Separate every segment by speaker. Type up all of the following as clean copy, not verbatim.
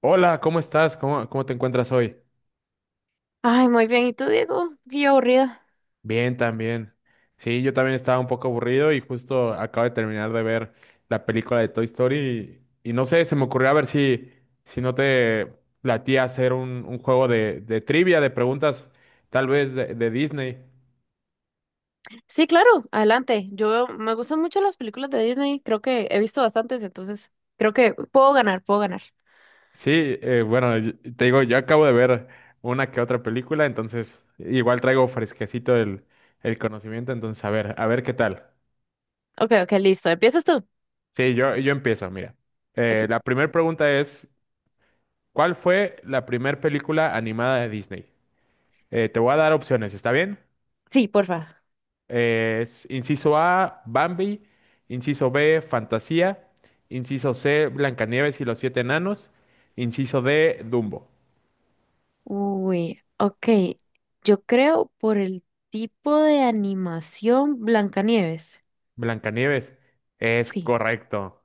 Speaker 1: Hola, ¿cómo estás? ¿Cómo te encuentras hoy?
Speaker 2: Ay, muy bien. ¿Y tú, Diego? Qué aburrida.
Speaker 1: Bien, también. Sí, yo también estaba un poco aburrido y justo acabo de terminar de ver la película de Toy Story y no sé, se me ocurrió a ver si no te latía hacer un juego de trivia, de preguntas, tal vez de Disney.
Speaker 2: Sí, claro, adelante. Yo me gustan mucho las películas de Disney. Creo que he visto bastantes, entonces creo que puedo ganar, puedo ganar.
Speaker 1: Sí, bueno, y te digo, yo acabo de ver una que otra película, entonces igual traigo fresquecito el conocimiento, entonces a ver qué tal.
Speaker 2: Ok, ok, listo. ¿Empiezas tú?
Speaker 1: Sí, yo empiezo, mira.
Speaker 2: Aquí.
Speaker 1: La primera pregunta es, ¿cuál fue la primer película animada de Disney? Te voy a dar opciones, ¿está bien?
Speaker 2: Sí, porfa.
Speaker 1: Es inciso A, Bambi, inciso B, Fantasía, inciso C, Blancanieves y los siete enanos, inciso D, Dumbo.
Speaker 2: Uy, ok. Yo creo por el tipo de animación Blancanieves.
Speaker 1: Blancanieves, es
Speaker 2: Sí.
Speaker 1: correcto.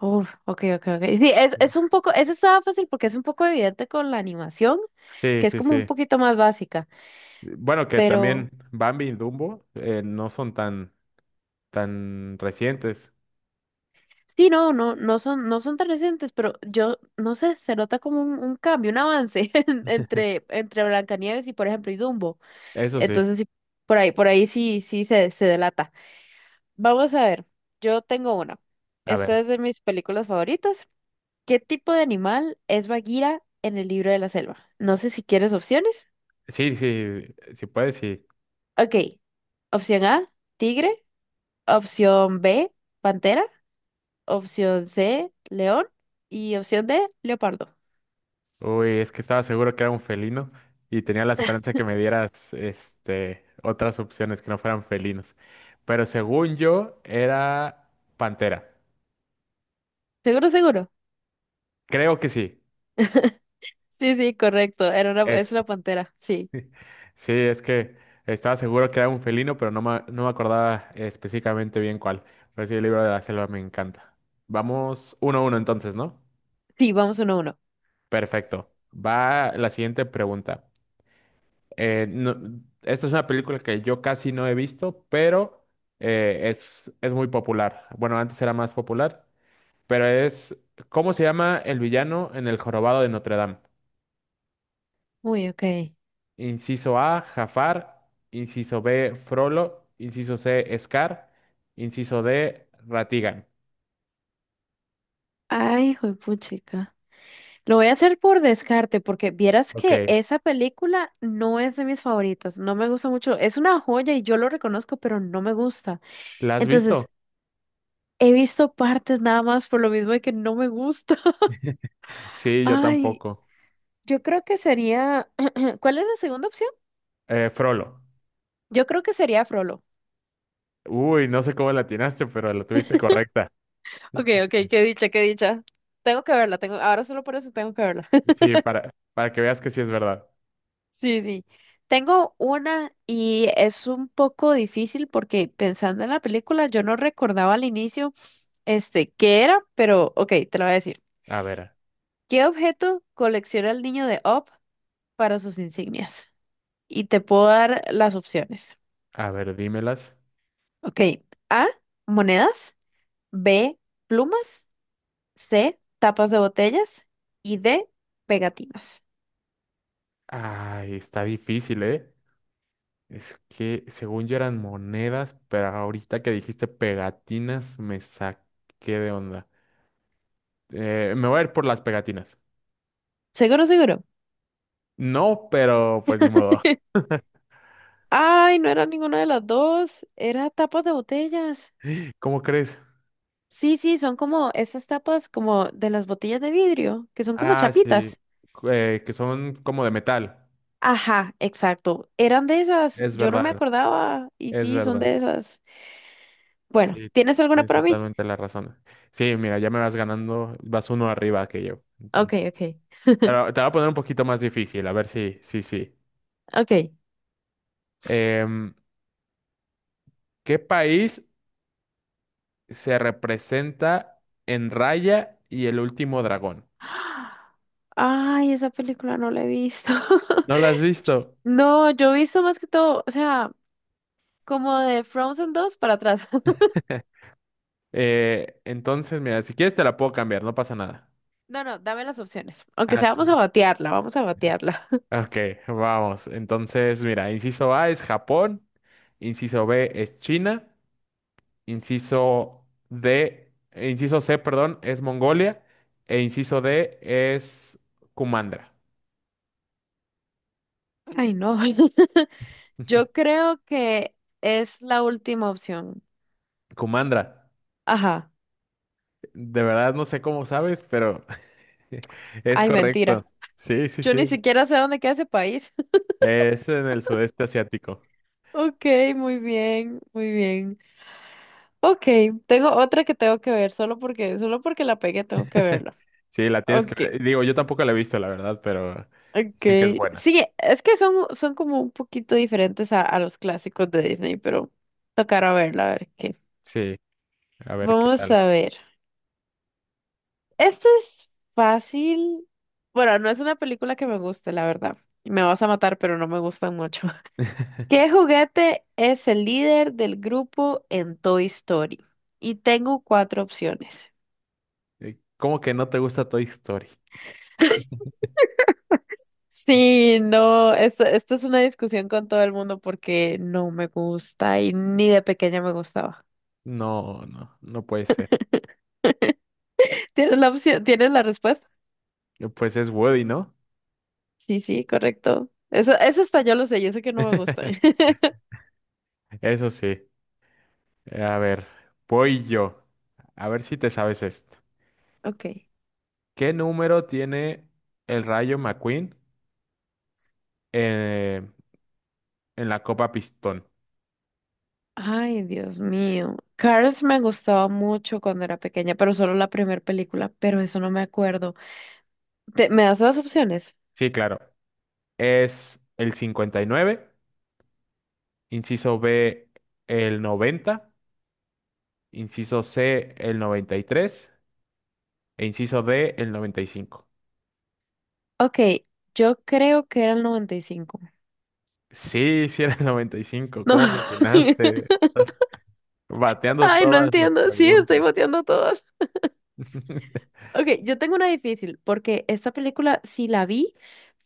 Speaker 2: Oh, ok, ok, ok. Sí, es un poco, eso estaba fácil porque es un poco evidente con la animación,
Speaker 1: Sí,
Speaker 2: que es
Speaker 1: sí,
Speaker 2: como un
Speaker 1: sí.
Speaker 2: poquito más básica,
Speaker 1: Bueno, que también
Speaker 2: pero...
Speaker 1: Bambi y Dumbo no son tan, tan recientes.
Speaker 2: Sí, no, no, no son tan recientes, pero yo, no sé, se nota como un cambio, un avance entre Blancanieves y, por ejemplo, y Dumbo.
Speaker 1: Eso sí.
Speaker 2: Entonces, sí, por ahí sí, sí se delata. Vamos a ver, yo tengo una.
Speaker 1: A
Speaker 2: Esta
Speaker 1: ver,
Speaker 2: es de mis películas favoritas. ¿Qué tipo de animal es Bagheera en el libro de la selva? No sé si quieres opciones.
Speaker 1: sí, sí, si puedes, sí.
Speaker 2: Ok, opción A, tigre, opción B, pantera, opción C, león y opción D, leopardo.
Speaker 1: Uy, es que estaba seguro que era un felino y tenía la esperanza que me dieras este, otras opciones que no fueran felinos. Pero según yo, era pantera.
Speaker 2: Seguro, seguro.
Speaker 1: Creo que sí,
Speaker 2: Sí, sí, correcto. Era una, es
Speaker 1: es.
Speaker 2: una pantera. Sí.
Speaker 1: Sí, es que estaba seguro que era un felino, pero no me, no me acordaba específicamente bien cuál. Pero sí, el libro de la selva me encanta. Vamos uno a uno entonces, ¿no?
Speaker 2: Sí, vamos uno a uno.
Speaker 1: Perfecto. Va la siguiente pregunta. Eh, no- Esta es una película que yo casi no he visto, pero es muy popular. Bueno, antes era más popular, pero es, ¿cómo se llama el villano en El Jorobado de Notre Dame?
Speaker 2: Uy, ok.
Speaker 1: Inciso A, Jafar. Inciso B, Frollo. Inciso C, Scar. Inciso D, Ratigan.
Speaker 2: Ay, chica. Lo voy a hacer por descarte, porque vieras
Speaker 1: Ok,
Speaker 2: que esa película no es de mis favoritas. No me gusta mucho. Es una joya y yo lo reconozco, pero no me gusta.
Speaker 1: ¿la has visto?
Speaker 2: Entonces, he visto partes nada más por lo mismo de que no me gusta.
Speaker 1: Sí, yo
Speaker 2: Ay,
Speaker 1: tampoco.
Speaker 2: yo creo que sería. ¿Cuál es la segunda opción?
Speaker 1: Frollo.
Speaker 2: Yo creo que sería Frollo.
Speaker 1: Uy, no sé cómo la atinaste, pero la tuviste correcta.
Speaker 2: Ok, ok, qué dicha, qué dicha. Tengo que verla, tengo, ahora solo por eso tengo que verla.
Speaker 1: Sí, para que veas que sí es verdad.
Speaker 2: Sí, sí. Tengo una y es un poco difícil porque pensando en la película yo no recordaba al inicio este qué era, pero ok, te lo voy a decir.
Speaker 1: A ver.
Speaker 2: ¿Qué objeto colecciona el niño de Op para sus insignias? Y te puedo dar las opciones.
Speaker 1: A ver, dímelas.
Speaker 2: Ok, A, monedas, B, plumas, C, tapas de botellas y D, pegatinas.
Speaker 1: Ay, está difícil, ¿eh? Es que según yo eran monedas, pero ahorita que dijiste pegatinas me saqué de onda. Me voy a ir por las pegatinas.
Speaker 2: Seguro, seguro.
Speaker 1: No, pero pues ni modo.
Speaker 2: Ay, no era ninguna de las dos, era tapas de botellas.
Speaker 1: ¿Cómo crees?
Speaker 2: Sí, sí, son como esas tapas como de las botellas de vidrio, que son como
Speaker 1: Ah, sí.
Speaker 2: chapitas.
Speaker 1: Que son como de metal.
Speaker 2: Ajá, exacto. Eran de esas.
Speaker 1: Es
Speaker 2: Yo no me
Speaker 1: verdad,
Speaker 2: acordaba. Y
Speaker 1: es
Speaker 2: sí, son
Speaker 1: verdad.
Speaker 2: de esas. Bueno,
Speaker 1: Sí,
Speaker 2: ¿tienes alguna
Speaker 1: es
Speaker 2: para mí?
Speaker 1: totalmente la razón. Sí, mira, ya me vas ganando, vas uno arriba que yo.
Speaker 2: Ok,
Speaker 1: Entonces,
Speaker 2: ok,
Speaker 1: pero te voy a poner un poquito más difícil, a ver si, sí, sí.
Speaker 2: ok.
Speaker 1: ¿Qué país se representa en Raya y el último dragón?
Speaker 2: Ay, esa película no la he visto.
Speaker 1: ¿No la has visto?
Speaker 2: No, yo he visto más que todo, o sea, como de Frozen 2 para atrás.
Speaker 1: Entonces, mira, si quieres te la puedo cambiar, no pasa nada.
Speaker 2: No, no, dame las opciones. Aunque
Speaker 1: Ah,
Speaker 2: sea,
Speaker 1: sí.
Speaker 2: vamos a batearla, vamos a batearla.
Speaker 1: Ok, vamos. Entonces, mira, inciso A es Japón, inciso B es China, inciso C, perdón, es Mongolia, e inciso D es Kumandra.
Speaker 2: Ay, no. Yo creo que es la última opción.
Speaker 1: Kumandra,
Speaker 2: Ajá.
Speaker 1: de verdad no sé cómo sabes, pero es
Speaker 2: Ay,
Speaker 1: correcto.
Speaker 2: mentira.
Speaker 1: Sí, sí,
Speaker 2: Yo ni
Speaker 1: sí.
Speaker 2: siquiera sé dónde queda ese país.
Speaker 1: Es en el sudeste asiático.
Speaker 2: Ok, muy bien, muy bien. Ok, tengo otra que tengo que ver, solo porque la pegué tengo que verla.
Speaker 1: Sí, la tienes que
Speaker 2: Ok,
Speaker 1: ver. Digo, yo tampoco la he visto, la verdad, pero
Speaker 2: ok.
Speaker 1: dicen que es buena.
Speaker 2: Sí, es que son como un poquito diferentes a los clásicos de Disney, pero tocará verla, a ver qué.
Speaker 1: Sí, a ver qué
Speaker 2: Vamos
Speaker 1: tal.
Speaker 2: a ver. Esto es fácil. Bueno, no es una película que me guste, la verdad. Y me vas a matar, pero no me gustan mucho. ¿Qué juguete es el líder del grupo en Toy Story? Y tengo cuatro opciones.
Speaker 1: ¿Cómo que no te gusta Toy Story?
Speaker 2: Sí, no, esto es una discusión con todo el mundo porque no me gusta y ni de pequeña me gustaba.
Speaker 1: No, no, no puede ser.
Speaker 2: ¿Tienes la opción? ¿Tienes la respuesta?
Speaker 1: Pues es Woody, ¿no?
Speaker 2: Sí, sí, correcto. Eso hasta yo lo sé, yo sé que no me gustan.
Speaker 1: Eso sí. A ver, voy yo. A ver si te sabes esto.
Speaker 2: Ok.
Speaker 1: ¿Qué número tiene el Rayo McQueen eh, en la Copa Pistón?
Speaker 2: Ay, Dios mío. Cars me gustaba mucho cuando era pequeña, pero solo la primera película, pero eso no me acuerdo. ¿Te- ¿me das las opciones?
Speaker 1: Sí, claro. Es el 59, inciso B el 90, inciso C el 93 e inciso D el 95.
Speaker 2: Ok, yo creo que era el 95.
Speaker 1: Sí, sí era el 95.
Speaker 2: No.
Speaker 1: ¿Cómo la atinaste? Estás bateando
Speaker 2: Ay, no
Speaker 1: todas las
Speaker 2: entiendo. Sí, estoy
Speaker 1: preguntas.
Speaker 2: boteando a todos. Ok, yo tengo una difícil, porque esta película, si la vi,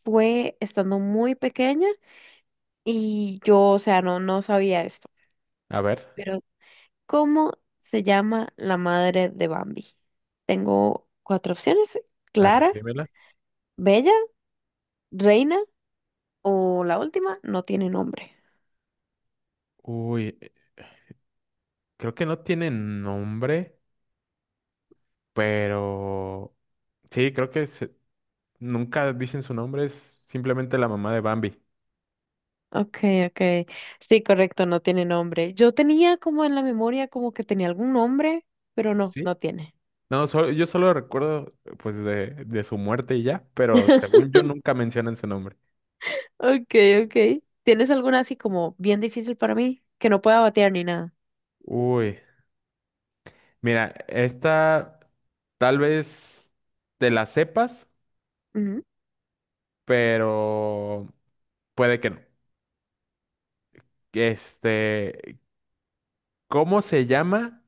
Speaker 2: fue estando muy pequeña y yo, o sea, no, no sabía esto.
Speaker 1: A ver,
Speaker 2: Pero, ¿cómo se llama la madre de Bambi? Tengo cuatro opciones.
Speaker 1: a ver,
Speaker 2: Clara,
Speaker 1: dímela.
Speaker 2: Bella, Reina o la última, no tiene nombre.
Speaker 1: Uy, creo que no tiene nombre, pero sí, nunca dicen su nombre, es simplemente la mamá de Bambi.
Speaker 2: Okay, okay. Sí, correcto, no tiene nombre. Yo tenía como en la memoria como que tenía algún nombre, pero no,
Speaker 1: Sí.
Speaker 2: no tiene.
Speaker 1: No, solo- Yo solo recuerdo pues de su muerte y ya, pero según yo nunca mencionan su nombre.
Speaker 2: Okay, okay. ¿Tienes alguna así como bien difícil para mí que no pueda batear ni nada?
Speaker 1: Uy, mira, esta tal vez te la sepas,
Speaker 2: Ujú.
Speaker 1: pero puede que no. Este, ¿cómo se llama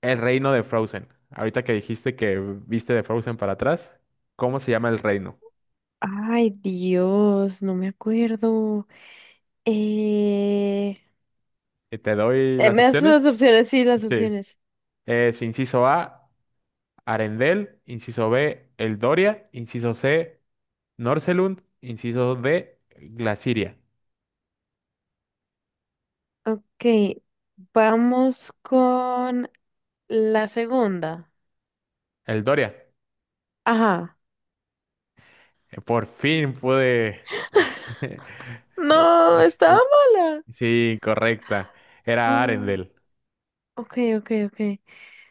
Speaker 1: el reino de Frozen? Ahorita que dijiste que viste de Frozen para atrás, ¿cómo se llama el reino?
Speaker 2: Ay, Dios, no me acuerdo. Eh,
Speaker 1: ¿Te doy las
Speaker 2: me das las
Speaker 1: opciones?
Speaker 2: opciones, sí, las
Speaker 1: Sí.
Speaker 2: opciones.
Speaker 1: Es inciso A, Arendelle, inciso B, Eldoria, inciso C, Norselund, inciso D, Glaciria.
Speaker 2: Okay, vamos con la segunda.
Speaker 1: El Doria.
Speaker 2: Ajá.
Speaker 1: Por fin pude.
Speaker 2: No, estaba mala.
Speaker 1: Sí, correcta. Era
Speaker 2: No.
Speaker 1: Arendelle.
Speaker 2: Okay, okay, ok.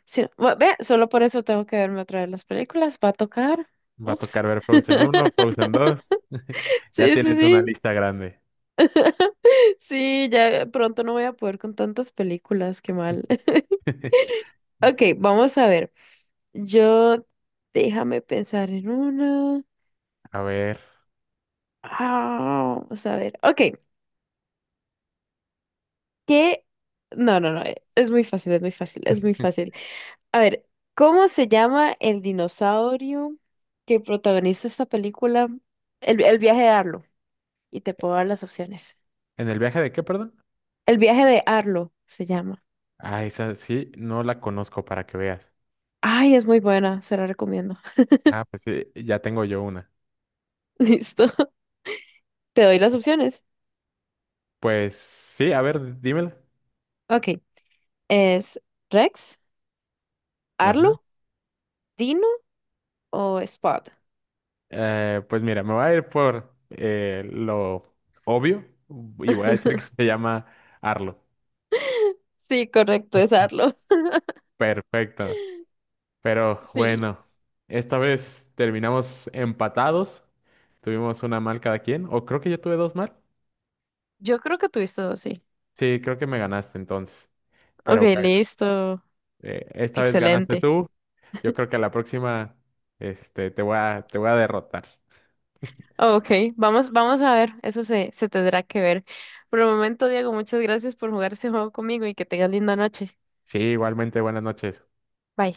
Speaker 2: Sí, bu- ve, solo por eso tengo que verme otra vez las películas. Va a tocar.
Speaker 1: Va a
Speaker 2: Ups.
Speaker 1: tocar ver Frozen uno, Frozen dos. Ya
Speaker 2: Sí, sí,
Speaker 1: tienes una
Speaker 2: sí.
Speaker 1: lista grande.
Speaker 2: Sí, ya pronto no voy a poder con tantas películas, qué mal. Ok, vamos a ver. Yo, déjame pensar en una.
Speaker 1: A ver.
Speaker 2: Ah, vamos a ver. Ok, ¿qué? No, no, no, es muy fácil, es muy fácil, es muy fácil. A ver, ¿cómo se llama el dinosaurio que protagoniza esta película? El viaje de Arlo. Y te puedo dar las opciones.
Speaker 1: ¿En el viaje de qué, perdón?
Speaker 2: El viaje de Arlo se llama.
Speaker 1: Ah, esa sí, no la conozco para que veas.
Speaker 2: Ay, es muy buena, se la recomiendo.
Speaker 1: Ah, pues sí, ya tengo yo una.
Speaker 2: Listo. Te doy las opciones.
Speaker 1: Pues sí, a ver, dímela.
Speaker 2: Ok. ¿Es Rex,
Speaker 1: Ajá.
Speaker 2: Arlo, Dino o Spot?
Speaker 1: Pues mira, me voy a ir por lo obvio y voy a decir que se llama Arlo.
Speaker 2: Sí, correcto, es Arlo.
Speaker 1: Perfecto. Pero
Speaker 2: Sí.
Speaker 1: bueno, esta vez terminamos empatados. Tuvimos una mal cada quien. O creo que yo tuve dos mal.
Speaker 2: Yo creo que tuviste dos, sí.
Speaker 1: Sí, creo que me ganaste entonces.
Speaker 2: Ok,
Speaker 1: Pero bueno,
Speaker 2: listo.
Speaker 1: esta vez ganaste
Speaker 2: Excelente.
Speaker 1: tú. Yo creo que a la próxima este, te voy a derrotar.
Speaker 2: Ok, vamos, vamos a ver, eso se, se tendrá que ver. Por el momento, Diego, muchas gracias por jugar este juego conmigo y que tengas linda noche.
Speaker 1: Sí, igualmente, buenas noches.
Speaker 2: Bye.